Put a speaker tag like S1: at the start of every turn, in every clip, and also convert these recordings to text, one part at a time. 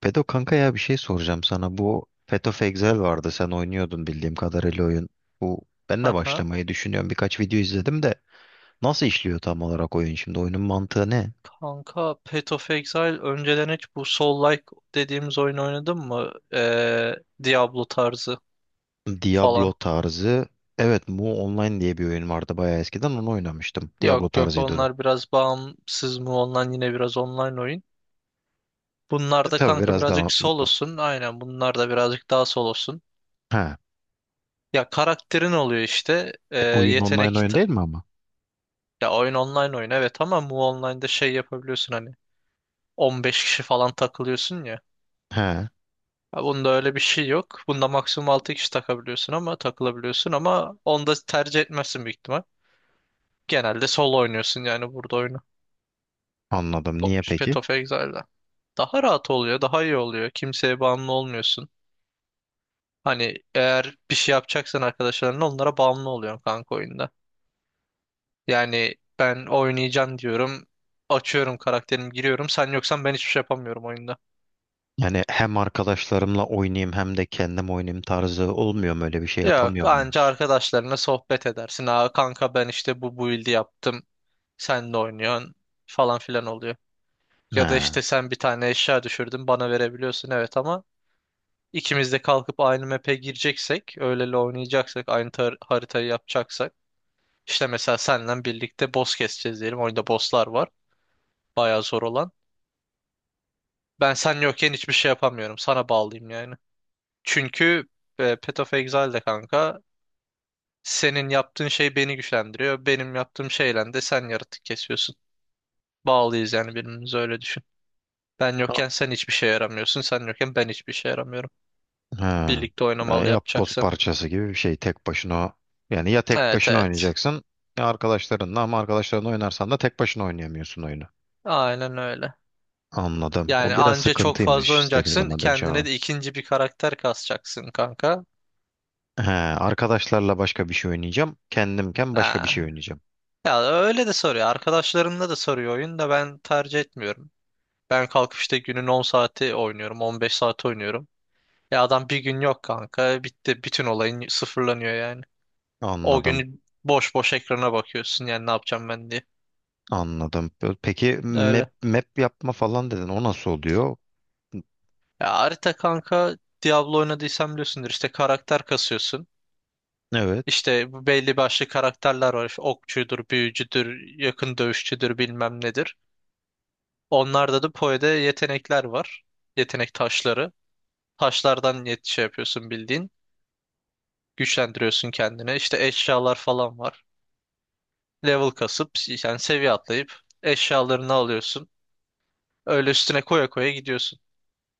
S1: Pedo kanka ya bir şey soracağım sana. Bu Path of Exile vardı. Sen oynuyordun bildiğim kadarıyla oyun. Bu Ben de
S2: Aha.
S1: başlamayı düşünüyorum. Birkaç video izledim de nasıl işliyor tam olarak oyun şimdi? Oyunun mantığı ne?
S2: Kanka Path of Exile önceden hiç bu Soul-like dediğimiz oyun oynadın mı? Diablo tarzı
S1: Diablo
S2: falan.
S1: tarzı. Evet, Mu Online diye bir oyun vardı bayağı eskiden. Onu oynamıştım. Diablo
S2: Yok, yok,
S1: tarzıydı o da.
S2: onlar biraz bağımsız mı ondan yine biraz online oyun. Bunlar da
S1: Tabii
S2: kanka
S1: biraz
S2: birazcık
S1: daha
S2: solosun. Aynen, bunlar da birazcık daha solosun.
S1: Ha,
S2: Ya karakterin oluyor işte. Ee,
S1: oyun online
S2: yetenek
S1: oyun
S2: ta-
S1: değil mi ama?
S2: ya oyun online oyun, evet, ama mu online'da şey yapabiliyorsun hani 15 kişi falan takılıyorsun ya.
S1: He,
S2: Ha, bunda öyle bir şey yok. Bunda maksimum 6 kişi takabiliyorsun ama takılabiliyorsun, ama onu da tercih etmezsin büyük ihtimal. Genelde solo oynuyorsun yani burada oyunu.
S1: anladım.
S2: O-
S1: Niye peki?
S2: Path of Exile'da. Daha rahat oluyor, daha iyi oluyor. Kimseye bağımlı olmuyorsun. Hani eğer bir şey yapacaksan arkadaşlarınla, onlara bağımlı oluyorsun kanka oyunda. Yani ben oynayacağım diyorum. Açıyorum karakterimi, giriyorum. Sen yoksan ben hiçbir şey yapamıyorum oyunda.
S1: Yani hem arkadaşlarımla oynayayım hem de kendim oynayayım tarzı olmuyor mu, öyle bir şey
S2: Yok,
S1: yapamıyor
S2: anca
S1: muyuz?
S2: arkadaşlarına sohbet edersin. Aa kanka, ben işte bu build'i yaptım. Sen de oynuyorsun falan filan oluyor. Ya da
S1: He.
S2: işte sen bir tane eşya düşürdün, bana verebiliyorsun, evet, ama ikimiz de kalkıp aynı map'e gireceksek, öyleli oynayacaksak, haritayı yapacaksak, işte mesela seninle birlikte boss keseceğiz diyelim. Oyunda bosslar var. Bayağı zor olan. Ben sen yokken hiçbir şey yapamıyorum. Sana bağlıyım yani. Çünkü Path of Exile'de kanka, senin yaptığın şey beni güçlendiriyor. Benim yaptığım şeyle de sen yaratık kesiyorsun. Bağlıyız yani birbirimize, öyle düşün. Ben yokken sen hiçbir şeye yaramıyorsun. Sen yokken ben hiçbir şeye yaramıyorum.
S1: Ha,
S2: Birlikte oynamalı
S1: Yapboz
S2: yapacaksın.
S1: parçası gibi bir şey tek başına, yani ya tek
S2: Evet,
S1: başına
S2: evet.
S1: oynayacaksın ya arkadaşlarınla, ama arkadaşlarınla oynarsan da tek başına oynayamıyorsun oyunu.
S2: Aynen öyle.
S1: Anladım. O
S2: Yani
S1: biraz
S2: anca çok fazla
S1: sıkıntıymış. İstediğin
S2: oynayacaksın.
S1: zaman döneceğim
S2: Kendine
S1: ama.
S2: de ikinci bir karakter kasacaksın kanka.
S1: He, arkadaşlarla başka bir şey oynayacağım. Kendimken başka bir
S2: Ha.
S1: şey oynayacağım.
S2: Ya öyle de soruyor. Arkadaşlarımla da soruyor oyun da ben tercih etmiyorum. Ben kalkıp işte günün 10 saati oynuyorum. 15 saat oynuyorum. Ya adam bir gün yok kanka. Bitti. Bütün olayın sıfırlanıyor yani. O
S1: Anladım.
S2: günü boş boş ekrana bakıyorsun yani ne yapacağım ben diye.
S1: Anladım. Peki map,
S2: Öyle.
S1: map yapma falan dedin. O nasıl oluyor?
S2: Ya harita kanka, Diablo oynadıysan biliyorsundur, işte karakter kasıyorsun.
S1: Evet.
S2: İşte bu belli başlı karakterler var. İşte okçudur, büyücüdür, yakın dövüşçüdür, bilmem nedir. Onlarda da Poe'de yetenekler var. Yetenek taşları. Taşlardan şey yapıyorsun bildiğin. Güçlendiriyorsun kendine. İşte eşyalar falan var. Level kasıp, yani seviye atlayıp eşyalarını alıyorsun. Öyle üstüne koya koya gidiyorsun.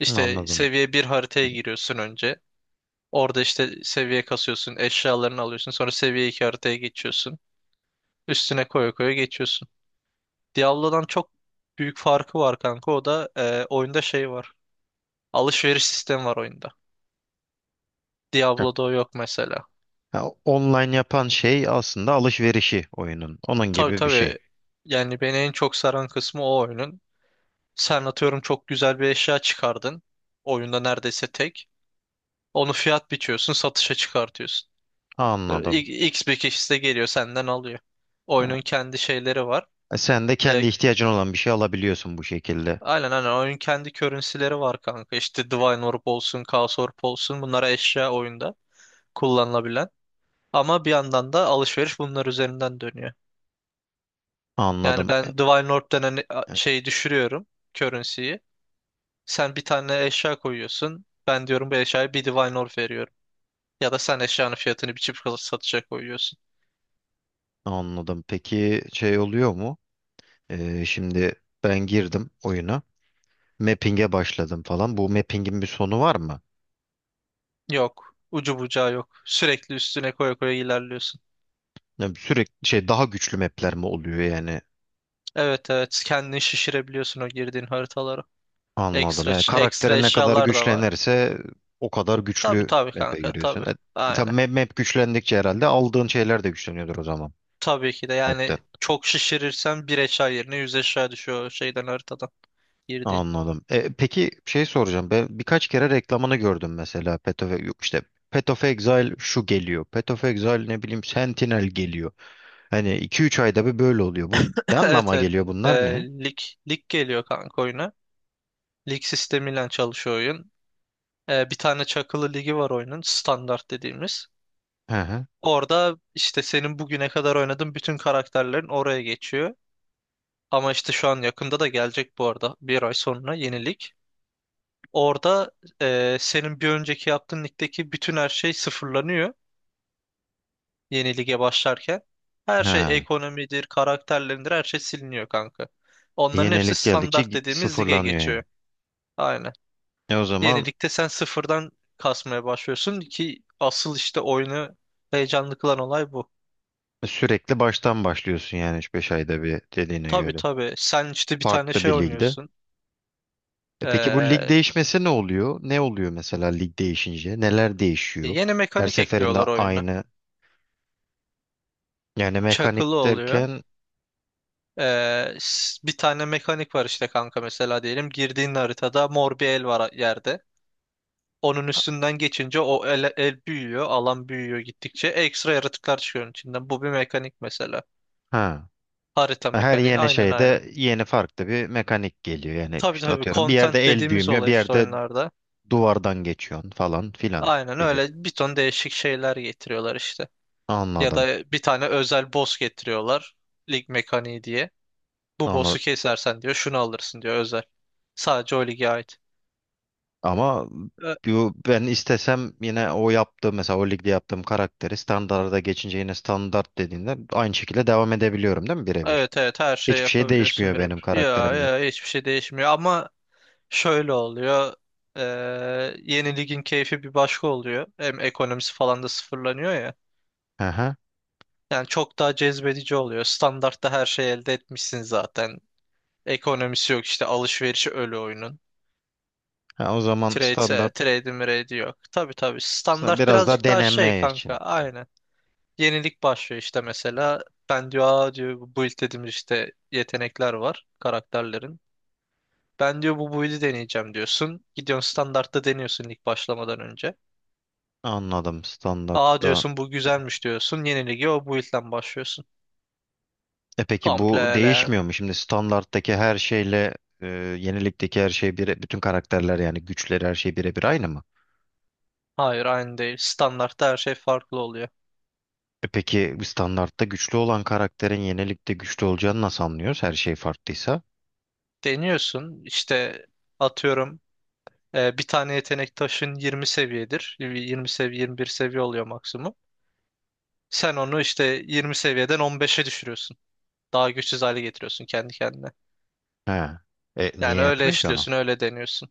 S2: İşte
S1: Anladım.
S2: seviye bir haritaya
S1: Dedi.
S2: giriyorsun önce. Orada işte seviye kasıyorsun, eşyalarını alıyorsun. Sonra seviye 2 haritaya geçiyorsun. Üstüne koya koya geçiyorsun. Diablo'dan çok büyük farkı var kanka. O da oyunda şey var. Alışveriş sistemi var oyunda.
S1: Heh.
S2: Diablo'da o yok mesela.
S1: Ha, online yapan şey aslında alışverişi oyunun. Onun
S2: Tabii,
S1: gibi bir şey.
S2: tabii. Yani beni en çok saran kısmı o oyunun. Sen atıyorum çok güzel bir eşya çıkardın. Oyunda neredeyse tek. Onu fiyat biçiyorsun, satışa çıkartıyorsun.
S1: Anladım.
S2: X bir kişi de geliyor, senden alıyor.
S1: Ha.
S2: Oyunun kendi şeyleri var.
S1: Sen de
S2: E,
S1: kendi ihtiyacın olan bir şey alabiliyorsun bu şekilde.
S2: Aynen, aynen, oyun kendi currency'leri var kanka. İşte Divine Orb olsun, Chaos Orb olsun, bunlara eşya oyunda kullanılabilen. Ama bir yandan da alışveriş bunlar üzerinden dönüyor. Yani
S1: Anladım.
S2: ben Divine Orb denen
S1: E,
S2: şeyi düşürüyorum, currency'yi. Sen bir tane eşya koyuyorsun. Ben diyorum bu eşyaya bir Divine Orb veriyorum. Ya da sen eşyanın fiyatını bir çift kalıp satışa koyuyorsun.
S1: Anladım. Peki şey oluyor mu? Şimdi ben girdim oyuna. Mapping'e başladım falan. Bu mapping'in bir sonu var mı?
S2: Yok. Ucu bucağı yok. Sürekli üstüne koya koya ilerliyorsun.
S1: Yani sürekli şey, daha güçlü map'ler mi oluyor yani?
S2: Evet, evet, kendini şişirebiliyorsun o girdiğin haritalara.
S1: Anladım. Yani
S2: Ekstra, ekstra
S1: karakteri ne kadar
S2: eşyalar da var.
S1: güçlenirse o kadar
S2: Tabii,
S1: güçlü
S2: tabii,
S1: map'e
S2: kanka,
S1: giriyorsun.
S2: tabii.
S1: Tabii
S2: Aynen.
S1: map güçlendikçe herhalde aldığın şeyler de güçleniyordur o zaman.
S2: Tabii ki de,
S1: Map'te.
S2: yani çok şişirirsen bir eşya yerine yüz eşya düşüyor şeyden, haritadan girdiğin.
S1: Anladım. Peki şey soracağım. Ben birkaç kere reklamını gördüm mesela. Path of, yok işte Path of Exile şu geliyor. Path of Exile ne bileyim Sentinel geliyor. Hani iki üç ayda bir böyle oluyor. Bu ne
S2: Evet,
S1: anlama
S2: evet.
S1: geliyor,
S2: Ee,
S1: bunlar ne?
S2: lig, lig geliyor kanka oyuna. Lig sistemiyle çalışıyor oyun. Bir tane çakılı ligi var oyunun, standart dediğimiz.
S1: Hı hı.
S2: Orada işte senin bugüne kadar oynadığın bütün karakterlerin oraya geçiyor. Ama işte şu an yakında da gelecek bu arada. Bir ay sonra yeni lig. Orada senin bir önceki yaptığın ligdeki bütün her şey sıfırlanıyor yeni lige başlarken. Her şey,
S1: Ha.
S2: ekonomidir, karakterlerindir, her şey siliniyor kanka. Onların hepsi
S1: Yenilik geldikçe
S2: standart
S1: gi-
S2: dediğimiz lige
S1: sıfırlanıyor yani.
S2: geçiyor. Aynen.
S1: E o zaman
S2: Yeni ligde sen sıfırdan kasmaya başlıyorsun ki asıl işte oyunu heyecanlı kılan olay bu.
S1: sürekli baştan başlıyorsun yani üç beş ayda bir dediğine
S2: Tabii,
S1: göre.
S2: tabii. Sen işte bir tane
S1: Farklı
S2: şey
S1: bir ligde.
S2: oynuyorsun.
S1: E peki bu lig
S2: Ee,
S1: değişmesi ne oluyor? Ne oluyor mesela lig değişince? Neler değişiyor?
S2: yeni
S1: Her
S2: mekanik
S1: seferinde
S2: ekliyorlar oyuna.
S1: aynı, yani mekanik
S2: Çakılı oluyor.
S1: derken,
S2: Bir tane mekanik var işte kanka, mesela diyelim. Girdiğin haritada mor bir el var yerde. Onun üstünden geçince o el, el büyüyor, alan büyüyor gittikçe. Ekstra yaratıklar çıkıyor onun içinden. Bu bir mekanik mesela.
S1: ha
S2: Harita
S1: her
S2: mekaniği.
S1: yeni
S2: Aynen, aynen.
S1: şeyde yeni farklı bir mekanik geliyor. Yani
S2: Tabii,
S1: işte
S2: tabii,
S1: atıyorum bir yerde
S2: content
S1: el
S2: dediğimiz
S1: büyümüyor,
S2: olay
S1: bir
S2: işte
S1: yerde
S2: oyunlarda.
S1: duvardan geçiyorsun falan filan
S2: Aynen
S1: gibi.
S2: öyle, bir ton değişik şeyler getiriyorlar işte. Ya
S1: Anladım.
S2: da bir tane özel boss getiriyorlar. Lig mekaniği diye. Bu
S1: Anladım.
S2: boss'u kesersen diyor şunu alırsın diyor, özel. Sadece o lige ait.
S1: Ama
S2: E,
S1: bu- ben istesem yine o yaptığım mesela o ligde yaptığım karakteri standarda geçince yine standart dediğinde aynı şekilde devam edebiliyorum değil mi birebir?
S2: Evet, evet, her şeyi
S1: Hiçbir şey
S2: yapabiliyorsun
S1: değişmiyor benim
S2: birebir. Ya
S1: karakterimde.
S2: ya hiçbir şey değişmiyor ama şöyle oluyor. Ee, Yeni ligin keyfi bir başka oluyor. Hem ekonomisi falan da sıfırlanıyor ya.
S1: Hı.
S2: Yani çok daha cezbedici oluyor. Standartta her şeyi elde etmişsin zaten. Ekonomisi yok, işte alışverişi ölü oyunun.
S1: Ha, o zaman
S2: Trade,
S1: standart
S2: trade mrade yok. Tabii, tabii, standart
S1: biraz daha
S2: birazcık daha şey
S1: deneme
S2: kanka,
S1: için.
S2: aynen. Yenilik başlıyor işte mesela. Ben diyor, aa diyor, bu build dediğimiz işte yetenekler var karakterlerin. Ben diyor bu build'i deneyeceğim diyorsun. Gidiyorsun standartta deniyorsun lig başlamadan önce.
S1: Anladım,
S2: Aa
S1: standartta.
S2: diyorsun bu güzelmiş diyorsun. Yeni ligi o build'den başlıyorsun.
S1: E peki bu
S2: Komple.
S1: değişmiyor mu? Şimdi standarttaki her şeyle yenilikteki her şey bire, bütün karakterler yani güçleri her şey birebir aynı mı?
S2: Hayır, aynı değil. Standartta her şey farklı oluyor.
S1: E peki standartta güçlü olan karakterin yenilikte güçlü olacağını nasıl anlıyoruz? Her şey farklıysa.
S2: Deniyorsun işte, atıyorum bir tane yetenek taşın 20 seviyedir. 20 seviye 21 seviye oluyor maksimum. Sen onu işte 20 seviyeden 15'e düşürüyorsun. Daha güçsüz hale getiriyorsun kendi kendine.
S1: He. E niye
S2: Yani öyle
S1: yapıyorsun ki onu?
S2: işliyorsun, öyle deniyorsun.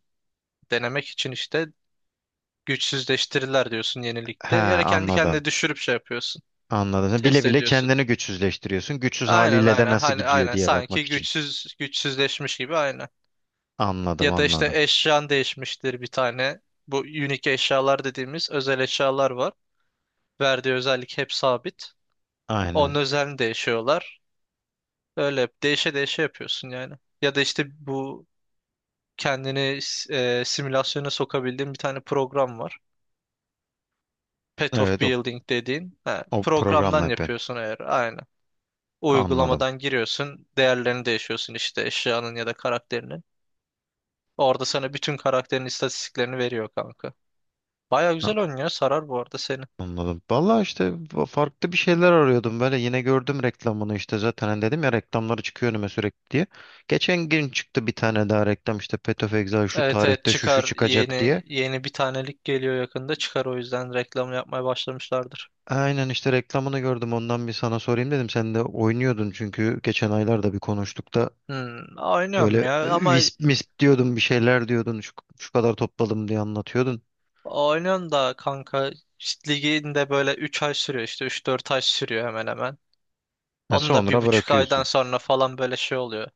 S2: Denemek için işte, güçsüzleştirirler diyorsun
S1: He,
S2: yenilikte. Yani kendi
S1: anladım.
S2: kendine düşürüp şey yapıyorsun.
S1: Anladım. Sen
S2: Test
S1: bile bile
S2: ediyorsun.
S1: kendini güçsüzleştiriyorsun. Güçsüz
S2: Aynen,
S1: haliyle de
S2: aynen,
S1: nasıl
S2: hani,
S1: gidiyor
S2: aynen
S1: diye bakmak
S2: sanki
S1: için.
S2: güçsüzleşmiş gibi, aynen.
S1: Anladım,
S2: Ya da işte
S1: anladım.
S2: eşyan değişmiştir bir tane. Bu unique eşyalar dediğimiz özel eşyalar var. Verdiği özellik hep sabit. Onun
S1: Aynen.
S2: özelliğini değişiyorlar. Öyle hep değişe değişe yapıyorsun yani. Ya da işte bu kendini simülasyona sokabildiğin bir tane program var. Path of
S1: Evet o,
S2: Building dediğin. Ha,
S1: O programla
S2: programdan
S1: yapıyorsun.
S2: yapıyorsun eğer, aynen.
S1: Anladım.
S2: Uygulamadan giriyorsun. Değerlerini değişiyorsun işte, eşyanın ya da karakterinin. Orada sana bütün karakterin istatistiklerini veriyor kanka. Baya güzel oynuyor. Sarar bu arada seni.
S1: Anladım. Vallahi işte fa- farklı bir şeyler arıyordum, böyle yine gördüm reklamını işte, zaten hani dedim ya reklamları çıkıyor önüme sürekli diye. Geçen gün çıktı bir tane daha reklam işte, Path of Exile şu
S2: Evet, evet,
S1: tarihte şu şu
S2: çıkar.
S1: çıkacak
S2: Yeni
S1: diye.
S2: yeni bir tanelik geliyor yakında. Çıkar, o yüzden reklam yapmaya başlamışlardır.
S1: Aynen işte reklamını gördüm, ondan bir sana sorayım dedim, sen de oynuyordun çünkü geçen aylarda bir konuştuk da
S2: Hmm, oynuyorum
S1: böyle,
S2: ya ama
S1: wisp misp diyordun bir şeyler diyordun, şu kadar topladım diye anlatıyordun.
S2: oynuyorum da kanka, işte ligin böyle 3 ay sürüyor, işte 3-4 ay sürüyor hemen hemen.
S1: Ha,
S2: Onun da bir
S1: sonra
S2: buçuk aydan
S1: bırakıyorsun.
S2: sonra falan böyle şey oluyor.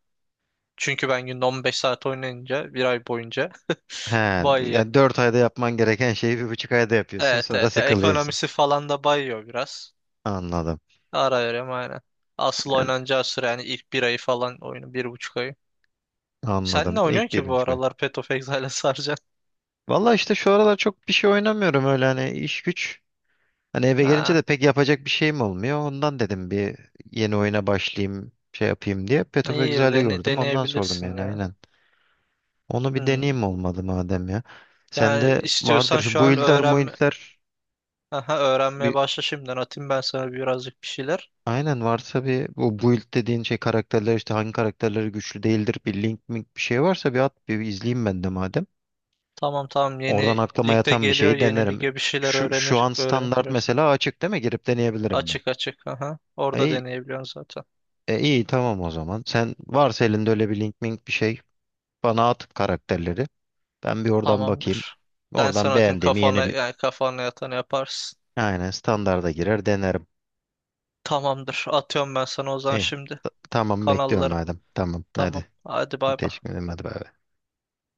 S2: Çünkü ben günde 15 saat oynayınca bir ay boyunca
S1: He,
S2: bayıyor.
S1: yani 4 ayda yapman gereken şeyi bir buçuk ayda yapıyorsun,
S2: Evet,
S1: sonra
S2: evet, ya
S1: sıkılıyorsun.
S2: ekonomisi falan da bayıyor biraz.
S1: Anladım.
S2: Ara verem aynen. Asıl oynanacağı süre yani ilk bir ayı falan oyunu. Bir buçuk ayı. Sen ne
S1: Anladım.
S2: oynuyorsun
S1: İlk
S2: ki bu
S1: birinci koy.
S2: aralar Path of Exile'e saracaksın?
S1: Valla işte şu aralar çok bir şey oynamıyorum öyle, hani iş güç. Hani eve gelince
S2: Ha,
S1: de pek yapacak bir şeyim olmuyor. Ondan dedim bir yeni oyuna başlayayım şey yapayım diye. Path of
S2: iyi bir
S1: Exile'i gördüm. Ondan sordum
S2: deneyebilirsin
S1: yani,
S2: ya.
S1: aynen. Onu bir
S2: Hmm.
S1: deneyeyim olmadı madem ya.
S2: Yani
S1: Sende vardır
S2: istiyorsan
S1: şu
S2: şu an
S1: build'ler
S2: öğren.
S1: muild'ler,
S2: Aha, öğrenmeye
S1: bir
S2: başla şimdiden. Atayım ben sana birazcık bir şeyler.
S1: aynen varsa bir bu build dediğin şey karakterler işte hangi karakterleri güçlü değildir, bir link mink bir şey varsa bir at bir izleyeyim ben de madem.
S2: Tamam, tamam,
S1: Oradan
S2: yeni
S1: aklıma
S2: ligde
S1: yatan bir
S2: geliyor.
S1: şeyi
S2: Yeni
S1: denerim.
S2: lige bir şeyler
S1: Şu an
S2: öğrenip
S1: standart
S2: giresin.
S1: mesela açık değil mi? Girip deneyebilirim ben.
S2: Açık, açık. Aha. Orada
S1: E,
S2: deneyebiliyorsun zaten.
S1: iyi tamam o zaman. Sen varsa elinde öyle bir link mink bir şey bana at karakterleri. Ben bir oradan bakayım.
S2: Tamamdır. Ben
S1: Oradan
S2: sana atayım,
S1: beğendiğimi
S2: kafana
S1: yeni,
S2: yani, kafana yatanı yaparsın.
S1: aynen standarda girer denerim.
S2: Tamamdır. Atıyorum ben sana o zaman
S1: İyi.
S2: şimdi
S1: T- tamam bekliyorum
S2: kanalları.
S1: madem. Tamam
S2: Tamam.
S1: hadi.
S2: Hadi bay bay.
S1: Teşekkür ederim, hadi bay bay.